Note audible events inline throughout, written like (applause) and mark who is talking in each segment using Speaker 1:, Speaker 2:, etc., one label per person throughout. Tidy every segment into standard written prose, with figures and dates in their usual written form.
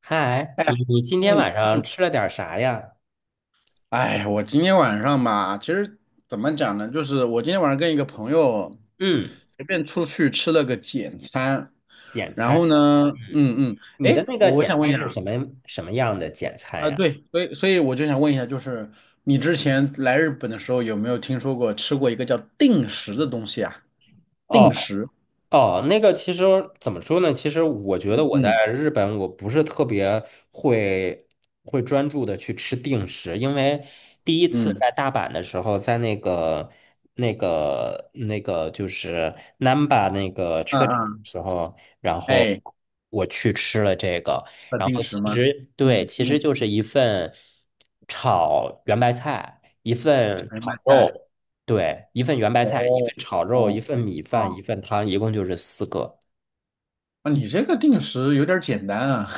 Speaker 1: 嗨，你今天
Speaker 2: 嗯，
Speaker 1: 晚上吃了点儿啥呀？
Speaker 2: 哎，我今天晚上吧，其实怎么讲呢，就是我今天晚上跟一个朋友
Speaker 1: 嗯，
Speaker 2: 随便出去吃了个简餐，
Speaker 1: 简
Speaker 2: 然后
Speaker 1: 餐。
Speaker 2: 呢，
Speaker 1: 嗯，你的
Speaker 2: 哎，
Speaker 1: 那个
Speaker 2: 我
Speaker 1: 简
Speaker 2: 想问一
Speaker 1: 餐是
Speaker 2: 下
Speaker 1: 什么样的简餐
Speaker 2: 啊，
Speaker 1: 呀？
Speaker 2: 对，所以我就想问一下，就是你之前来日本的时候有没有听说过吃过一个叫定时的东西啊？
Speaker 1: 哦。
Speaker 2: 定时，
Speaker 1: 哦，那个其实怎么说呢？其实我觉得我
Speaker 2: 嗯
Speaker 1: 在日本，我不是特别会会专注的去吃定食，因为第一次
Speaker 2: 嗯
Speaker 1: 在大阪的时候，在那个就是 Namba 那个
Speaker 2: 嗯
Speaker 1: 车站的
Speaker 2: 嗯，
Speaker 1: 时候，然后
Speaker 2: 哎，
Speaker 1: 我去吃了这个，
Speaker 2: 叫
Speaker 1: 然后
Speaker 2: 定时
Speaker 1: 其
Speaker 2: 吗？
Speaker 1: 实对，
Speaker 2: 嗯
Speaker 1: 其实
Speaker 2: 嗯，
Speaker 1: 就是一份炒圆白菜，一份
Speaker 2: 全麦
Speaker 1: 炒
Speaker 2: 菜，
Speaker 1: 肉。对，一份圆白菜，一份
Speaker 2: 哦，
Speaker 1: 炒肉，一
Speaker 2: 哦。
Speaker 1: 份米饭，
Speaker 2: 哦，
Speaker 1: 一份汤，一共就是4个
Speaker 2: 啊，你这个定时有点儿简单啊，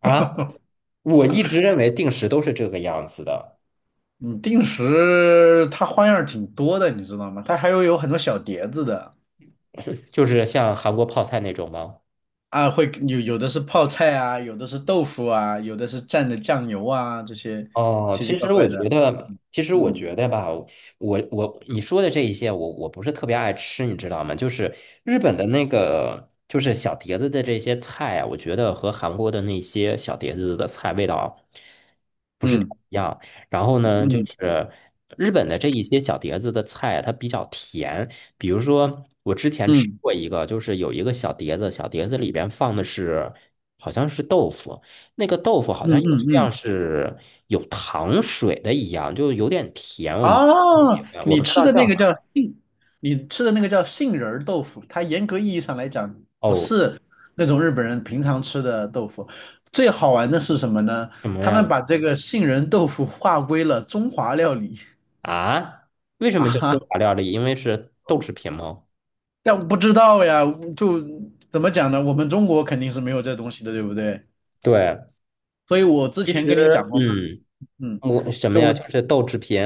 Speaker 1: 啊。
Speaker 2: (laughs)
Speaker 1: 我一直认为定时都是这个样子的，
Speaker 2: 你定时它花样儿挺多的，你知道吗？它还有很多小碟子的
Speaker 1: 就是像韩国泡菜那种吗？
Speaker 2: 啊，会有有的是泡菜啊，有的是豆腐啊，有的是蘸的酱油啊，这些
Speaker 1: 哦，
Speaker 2: 奇奇怪怪的，
Speaker 1: 其实我觉得吧，我你说的这一些，我不是特别爱吃，你知道吗？就是日本的那个，就是小碟子的这些菜啊，我觉得和韩国的那些小碟子的菜味道不是太
Speaker 2: 嗯
Speaker 1: 一样。然后呢，就
Speaker 2: 嗯
Speaker 1: 是日本的这一些小碟子的菜啊，它比较甜。比如说，我之前
Speaker 2: 嗯
Speaker 1: 吃
Speaker 2: 嗯
Speaker 1: 过一个，就是有一个小碟子，小碟子里边放的是好像是豆腐。那个豆腐好
Speaker 2: 嗯
Speaker 1: 像
Speaker 2: 嗯
Speaker 1: 有
Speaker 2: 嗯嗯。
Speaker 1: 像是有糖水的一样，就有点甜，我们不喜
Speaker 2: 哦，
Speaker 1: 欢，我不知道叫什么。
Speaker 2: 你吃的那个叫杏仁儿豆腐，它严格意义上来讲不
Speaker 1: 哦，
Speaker 2: 是那种日本人平常吃的豆腐。最好玩的是什么呢？
Speaker 1: 什么
Speaker 2: 他
Speaker 1: 呀？
Speaker 2: 们把这个杏仁豆腐划归了中华料理。
Speaker 1: 啊？为
Speaker 2: (laughs)
Speaker 1: 什
Speaker 2: 啊
Speaker 1: 么叫中
Speaker 2: 哈，
Speaker 1: 华料理？因为是豆制品吗？
Speaker 2: 但不知道呀，就怎么讲呢？我们中国肯定是没有这东西的，对不对？
Speaker 1: 对，
Speaker 2: 所以我之
Speaker 1: 其
Speaker 2: 前
Speaker 1: 实，
Speaker 2: 跟你讲过嘛，
Speaker 1: 嗯，
Speaker 2: 嗯，
Speaker 1: 我什么
Speaker 2: 就
Speaker 1: 呀？
Speaker 2: 我
Speaker 1: 就是豆制品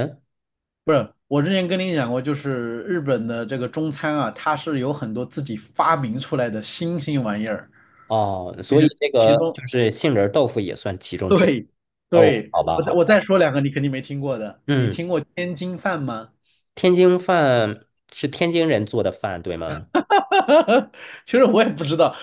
Speaker 2: 我之前跟你讲过，就是日本的这个中餐啊，它是有很多自己发明出来的新兴玩意儿，
Speaker 1: 哦，
Speaker 2: 就
Speaker 1: 所以
Speaker 2: 是
Speaker 1: 这
Speaker 2: 其
Speaker 1: 个
Speaker 2: 中，
Speaker 1: 就是杏仁豆腐也算其中之一。
Speaker 2: 对，
Speaker 1: 哦，
Speaker 2: 对，
Speaker 1: 好吧，
Speaker 2: 我再
Speaker 1: 好
Speaker 2: 我
Speaker 1: 吧，
Speaker 2: 再说两个你肯定没听过的，你
Speaker 1: 嗯，
Speaker 2: 听过天津饭吗？
Speaker 1: 天津饭是天津人做的饭，对吗？
Speaker 2: (laughs) 其实我也不知道，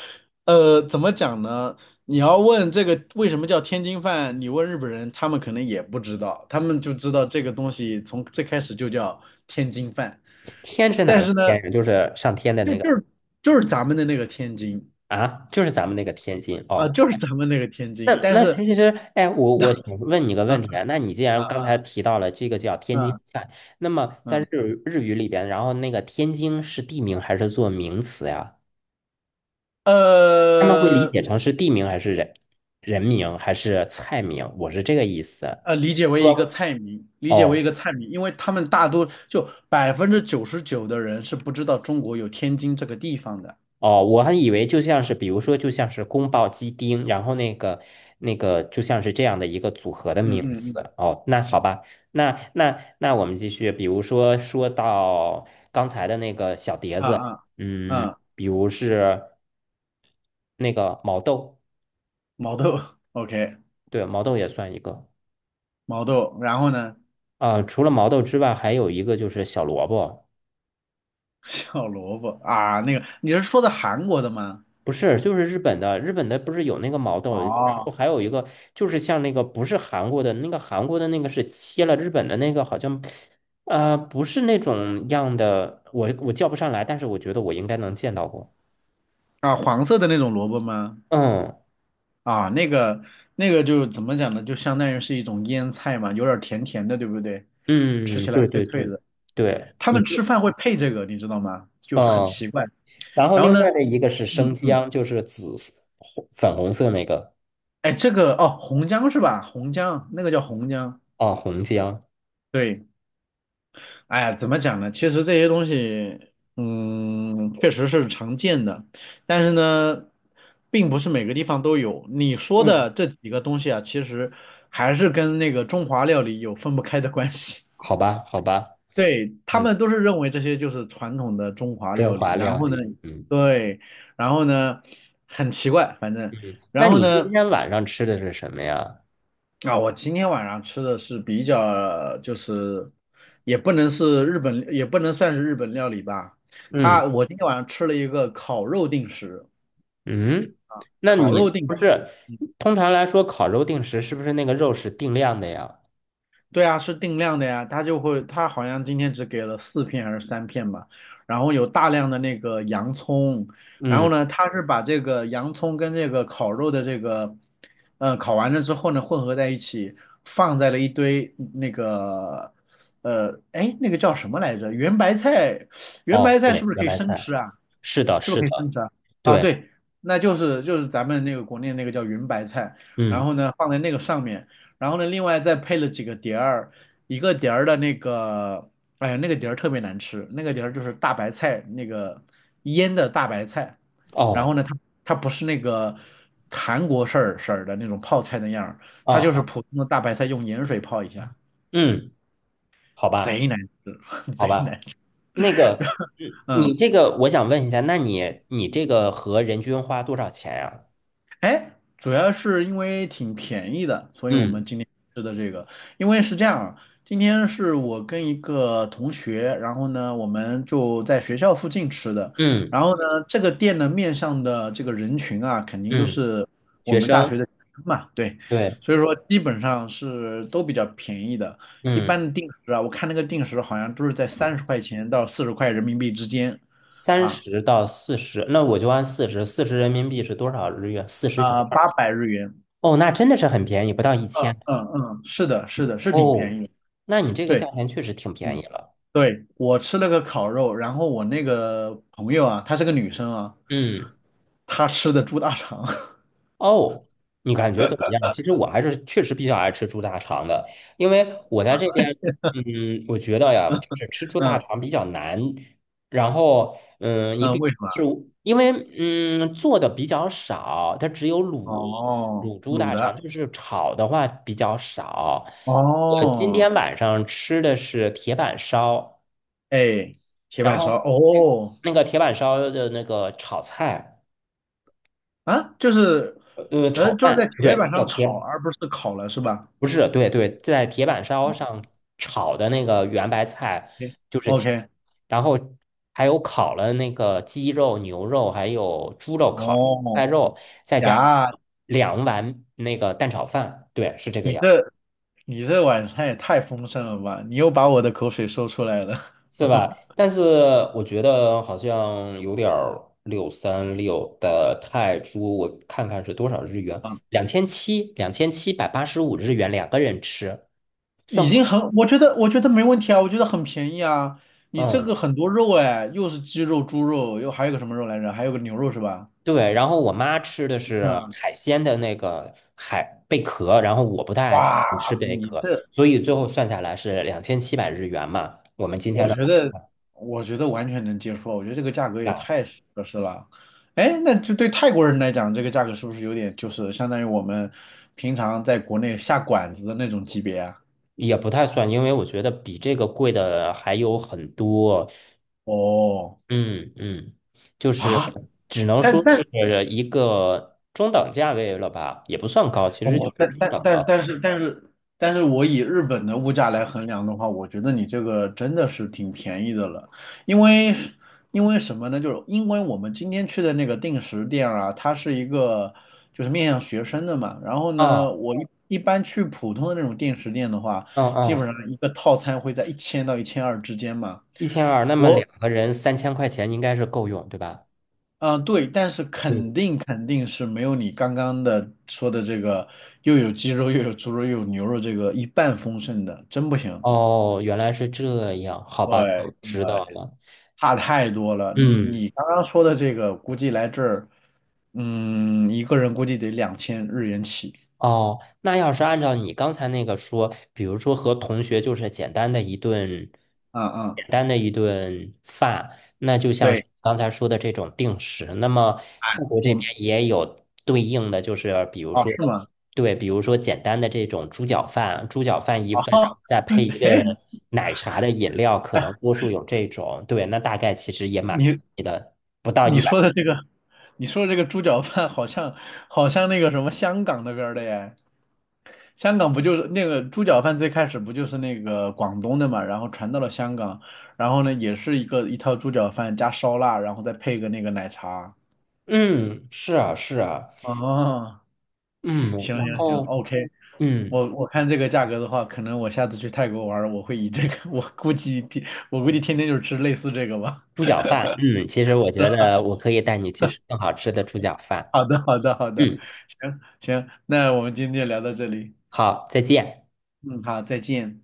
Speaker 2: 怎么讲呢？你要问这个为什么叫天津饭，你问日本人，他们可能也不知道，他们就知道这个东西从最开始就叫天津饭，
Speaker 1: 天是哪
Speaker 2: 但
Speaker 1: 个
Speaker 2: 是呢，
Speaker 1: 天呀？就是上天的
Speaker 2: 就
Speaker 1: 那
Speaker 2: 就
Speaker 1: 个。
Speaker 2: 是就是咱们的那个天津。
Speaker 1: 啊，就是咱们那个天津
Speaker 2: 啊，
Speaker 1: 哦。
Speaker 2: 就是咱们那个天
Speaker 1: 那
Speaker 2: 津，但
Speaker 1: 那
Speaker 2: 是，
Speaker 1: 其实，哎，我想问你个
Speaker 2: 啊
Speaker 1: 问题啊。那你既
Speaker 2: 啊
Speaker 1: 然刚才
Speaker 2: 啊
Speaker 1: 提到了这个叫天津
Speaker 2: 啊
Speaker 1: 菜，那么在
Speaker 2: 嗯，
Speaker 1: 日语里边，然后那个天津是地名还是做名词呀？他们会理
Speaker 2: 呃
Speaker 1: 解成是地名还是人名还是菜名？我是这个意思。
Speaker 2: 理解为一个
Speaker 1: 说
Speaker 2: 菜名，理解为一
Speaker 1: 哦，
Speaker 2: 个菜名，因为他们大多就99%的人是不知道中国有天津这个地方的。
Speaker 1: 哦，我还以为就像是，比如说，就像是宫保鸡丁，然后那个，就像是这样的一个组合的
Speaker 2: 嗯
Speaker 1: 名
Speaker 2: 嗯
Speaker 1: 字。
Speaker 2: 嗯，
Speaker 1: 哦，那好吧，那我们继续，比如说说到刚才的那个小碟
Speaker 2: 啊
Speaker 1: 子，
Speaker 2: 啊
Speaker 1: 嗯，
Speaker 2: 啊，
Speaker 1: 比如是那个毛豆，
Speaker 2: 毛豆，OK,
Speaker 1: 对，毛豆也算一个。
Speaker 2: 毛豆，然后呢，
Speaker 1: 啊、除了毛豆之外，还有一个就是小萝卜。
Speaker 2: (laughs) 小萝卜啊，那个你是说的韩国的吗？
Speaker 1: 不是，就是日本的不是有那个毛豆，然
Speaker 2: 哦，
Speaker 1: 后还有一个就是像那个不是韩国的那个是切了日本的那个好像，不是那种样的，我叫不上来，但是我觉得我应该能见到过。
Speaker 2: 啊，黄色的那种萝卜吗？
Speaker 1: 嗯
Speaker 2: 啊，那个就怎么讲呢？就相当于是一种腌菜嘛，有点儿甜甜的，对不对？吃
Speaker 1: 嗯，
Speaker 2: 起来
Speaker 1: 对
Speaker 2: 脆
Speaker 1: 对
Speaker 2: 脆
Speaker 1: 对
Speaker 2: 的。
Speaker 1: 对，
Speaker 2: 他
Speaker 1: 嗯
Speaker 2: 们吃饭会配这个，你知道吗？就很
Speaker 1: 嗯，
Speaker 2: 奇怪。
Speaker 1: 然后
Speaker 2: 然后
Speaker 1: 另外
Speaker 2: 呢，
Speaker 1: 的一个是
Speaker 2: 嗯
Speaker 1: 生
Speaker 2: 嗯，
Speaker 1: 姜，就是紫色红粉红色那个
Speaker 2: 哎，这个哦，红姜是吧？红姜，那个叫红姜。
Speaker 1: 哦，红姜。
Speaker 2: 对，哎呀，怎么讲呢？其实这些东西，嗯，确实是常见的，但是呢，并不是每个地方都有。你说
Speaker 1: 嗯，
Speaker 2: 的这几个东西啊，其实还是跟那个中华料理有分不开的关系。
Speaker 1: 好吧好吧，
Speaker 2: 对，他
Speaker 1: 嗯，
Speaker 2: 们都是认为这些就是传统的中华
Speaker 1: 中
Speaker 2: 料理，
Speaker 1: 华
Speaker 2: 然
Speaker 1: 料
Speaker 2: 后呢，
Speaker 1: 理，嗯，
Speaker 2: 然后呢，很奇怪，
Speaker 1: 那
Speaker 2: 然后
Speaker 1: 你今
Speaker 2: 呢，
Speaker 1: 天晚上吃的是什么呀？
Speaker 2: 啊，我今天晚上吃的是比较，就是也不能是日本，也不能算是日本料理吧，
Speaker 1: 嗯
Speaker 2: 我今天晚上吃了一个烤肉定食，
Speaker 1: 嗯，那
Speaker 2: 烤肉
Speaker 1: 你不
Speaker 2: 定。
Speaker 1: 是通常来说烤肉定时是不是那个肉是定量的呀？
Speaker 2: 对啊，是定量的呀，他就会，他好像今天只给了4片还是3片吧，然后有大量的那个洋葱，然
Speaker 1: 嗯，
Speaker 2: 后呢，他是把这个洋葱跟这个烤肉的这个，烤完了之后呢，混合在一起，放在了一堆那个，哎，那个叫什么来着？圆白菜，圆
Speaker 1: 哦，
Speaker 2: 白菜是
Speaker 1: 对，
Speaker 2: 不是
Speaker 1: 圆
Speaker 2: 可以
Speaker 1: 白
Speaker 2: 生
Speaker 1: 菜，
Speaker 2: 吃啊？
Speaker 1: 是的，
Speaker 2: 是不是
Speaker 1: 是
Speaker 2: 可以生
Speaker 1: 的，
Speaker 2: 吃啊？啊，
Speaker 1: 对，
Speaker 2: 对，那就是咱们那个国内那个叫云白菜，然
Speaker 1: 嗯，
Speaker 2: 后呢放在那个上面，然后呢另外再配了几个碟儿，一个碟儿的那个，哎呀那个碟儿特别难吃，那个碟儿就是大白菜那个腌的大白菜，然后
Speaker 1: 哦，
Speaker 2: 呢它不是那个韩国式儿的那种泡菜那样儿
Speaker 1: 哦，
Speaker 2: 它就是
Speaker 1: 哦
Speaker 2: 普通的大白菜用盐水泡一下，
Speaker 1: 嗯，好吧，
Speaker 2: 贼难吃，(laughs)
Speaker 1: 好
Speaker 2: 贼难
Speaker 1: 吧，
Speaker 2: 吃，
Speaker 1: 那个，嗯，你
Speaker 2: 嗯。
Speaker 1: 这个我想问一下，那你这个和人均花多少钱呀？
Speaker 2: 哎，主要是因为挺便宜的，所以我们
Speaker 1: 嗯
Speaker 2: 今天吃的这个，因为是这样啊，今天是我跟一个同学，然后呢，我们就在学校附近吃的，
Speaker 1: 嗯
Speaker 2: 然后呢，这个店呢面向的这个人群啊，肯定都
Speaker 1: 嗯，
Speaker 2: 是我
Speaker 1: 学
Speaker 2: 们大
Speaker 1: 生，
Speaker 2: 学的学生嘛，对，
Speaker 1: 对，
Speaker 2: 所以说基本上是都比较便宜的，一
Speaker 1: 嗯，
Speaker 2: 般的定时啊，我看那个定时好像都是在30块钱到40块人民币之间，
Speaker 1: 三
Speaker 2: 啊
Speaker 1: 十到四十，那我就按四十，40人民币是多少日元？四十乘二。
Speaker 2: 800日元。
Speaker 1: 哦，那真的是很便宜，不到一
Speaker 2: 嗯
Speaker 1: 千。
Speaker 2: 嗯嗯，是的，是的，是挺
Speaker 1: 哦，
Speaker 2: 便宜的。
Speaker 1: 那你这个
Speaker 2: 对，
Speaker 1: 价钱确实挺便
Speaker 2: 嗯，
Speaker 1: 宜了。
Speaker 2: 对，我吃了个烤肉，然后我那个朋友啊，她是个女生啊，
Speaker 1: 嗯，
Speaker 2: 她吃的猪大肠。(laughs)
Speaker 1: 哦，你感觉怎么样？其实我还是确实比较爱吃猪大肠的，因为我在这边，嗯，我觉得呀，就是吃猪大
Speaker 2: 嗯
Speaker 1: 肠比较难。然后，嗯，你
Speaker 2: 嗯，
Speaker 1: 比
Speaker 2: 为什
Speaker 1: 是
Speaker 2: 么？
Speaker 1: 因为做的比较少，它只有卤
Speaker 2: 哦，
Speaker 1: 卤猪
Speaker 2: 卤
Speaker 1: 大肠，
Speaker 2: 的。
Speaker 1: 就是炒的话比较少。我今
Speaker 2: 哦，
Speaker 1: 天晚上吃的是铁板烧。
Speaker 2: 哎，铁
Speaker 1: 然
Speaker 2: 板烧。
Speaker 1: 后
Speaker 2: 哦，
Speaker 1: 那个铁板烧的那个炒菜，
Speaker 2: 啊，就是，呃，
Speaker 1: 炒
Speaker 2: 就是在
Speaker 1: 饭，不
Speaker 2: 铁
Speaker 1: 对，
Speaker 2: 板
Speaker 1: 叫
Speaker 2: 上炒，
Speaker 1: 铁，
Speaker 2: 而不是烤了，是吧
Speaker 1: 不是，对对，在铁板烧上炒的那个圆白菜就是青菜，
Speaker 2: ？OK,
Speaker 1: 然后还有烤了那个鸡肉、牛肉，还有猪肉，烤了菜
Speaker 2: 哦，
Speaker 1: 肉，再加
Speaker 2: 呀，
Speaker 1: 2碗那个蛋炒饭，对，是这个
Speaker 2: 你
Speaker 1: 样。
Speaker 2: 这你这晚餐也太丰盛了吧？你又把我的口水说出来了。
Speaker 1: 是吧？
Speaker 2: (laughs)
Speaker 1: 但是我觉得好像有点636的泰铢，我看看是多少日元？两千七，2785日元，两个人吃，算
Speaker 2: 已
Speaker 1: 贵。
Speaker 2: 经很，我觉得没问题啊，我觉得很便宜啊。你这
Speaker 1: 嗯，
Speaker 2: 个很多肉哎，又是鸡肉、猪肉，又还有个什么肉来着？还有个牛肉是吧？
Speaker 1: 对。然后我妈吃的是
Speaker 2: 嗯，
Speaker 1: 海鲜的那个海贝壳，然后我不太爱吃，
Speaker 2: 哇，你这，
Speaker 1: 所以最后算下来是2700日元嘛。我们今天
Speaker 2: 我
Speaker 1: 的
Speaker 2: 觉
Speaker 1: 晚
Speaker 2: 得我觉得完全能接受啊，我觉得这个价格也
Speaker 1: 饭
Speaker 2: 太合适了。哎，那就对泰国人来讲，这个价格是不是有点就是相当于我们平常在国内下馆子的那种级别啊？
Speaker 1: 也不太算，因为我觉得比这个贵的还有很多。
Speaker 2: 哦，
Speaker 1: 嗯嗯，就是
Speaker 2: 啊，
Speaker 1: 只能
Speaker 2: 但
Speaker 1: 说
Speaker 2: 但
Speaker 1: 是一个中等价位了吧，也不算高，其实就
Speaker 2: 我
Speaker 1: 是
Speaker 2: 但
Speaker 1: 中
Speaker 2: 但
Speaker 1: 等
Speaker 2: 但
Speaker 1: 了。
Speaker 2: 但是但是但是我以日本的物价来衡量的话，我觉得你这个真的是挺便宜的了，因为因为什么呢？就是因为我们今天去的那个定时店啊，它是一个就是面向学生的嘛，然后
Speaker 1: 嗯
Speaker 2: 呢，我一般去普通的那种定时店的话，
Speaker 1: 嗯
Speaker 2: 基本
Speaker 1: 嗯，
Speaker 2: 上一个套餐会在1000到1200之间嘛。
Speaker 1: 1200，那么两
Speaker 2: 我
Speaker 1: 个人3000块钱应该是够用，对吧？
Speaker 2: 嗯，对，但是
Speaker 1: 嗯，
Speaker 2: 肯定是没有你刚刚的说的这个又有鸡肉又有猪肉又有牛肉这个一半丰盛的，真不行。
Speaker 1: 哦，原来是这样，好吧，我
Speaker 2: 对，
Speaker 1: 知道
Speaker 2: 呃，
Speaker 1: 了。
Speaker 2: 差太多了。你
Speaker 1: 嗯。
Speaker 2: 你刚刚说的这个，估计来这儿，嗯，一个人估计得2000日元起。
Speaker 1: 哦，那要是按照你刚才那个说，比如说和同学就是简单的一顿，
Speaker 2: 嗯
Speaker 1: 简
Speaker 2: 嗯，
Speaker 1: 单的一顿饭，那就像是
Speaker 2: 对，
Speaker 1: 刚才说的这种定时，那么泰国这
Speaker 2: 我们
Speaker 1: 边也有对应的，就是比如
Speaker 2: 哦
Speaker 1: 说，
Speaker 2: 是吗？
Speaker 1: 对，比如说简单的这种猪脚饭，猪脚饭一
Speaker 2: 哦，
Speaker 1: 份，然后再
Speaker 2: (laughs)
Speaker 1: 配一
Speaker 2: 哎，
Speaker 1: 个奶茶的饮料，可能多数有这种，对，那大概其实也蛮便
Speaker 2: 你
Speaker 1: 宜的，不到
Speaker 2: 你
Speaker 1: 一
Speaker 2: 说
Speaker 1: 百。
Speaker 2: 的这个，你说的这个猪脚饭好像那个什么香港那边儿的耶。香港不就是那个猪脚饭最开始不就是那个广东的嘛，然后传到了香港，然后呢也是一个一套猪脚饭加烧腊，然后再配个那个奶茶。
Speaker 1: 嗯，是啊，是啊，
Speaker 2: 哦，
Speaker 1: 嗯，
Speaker 2: 行
Speaker 1: 然
Speaker 2: 行嗯行
Speaker 1: 后
Speaker 2: ，OK,(laughs)
Speaker 1: 嗯。
Speaker 2: 我看这个价格的话，可能我下次去泰国玩儿我会以这个，(laughs) 我估计天天就吃类似这个吧。
Speaker 1: 猪脚饭，嗯，其实我觉得我可以带你去吃更好吃的猪脚
Speaker 2: (laughs)
Speaker 1: 饭。
Speaker 2: 好的，好的，好的，
Speaker 1: 嗯，
Speaker 2: 行行，那我们今天就聊到这里，
Speaker 1: 好，再见。
Speaker 2: 嗯，好，再见。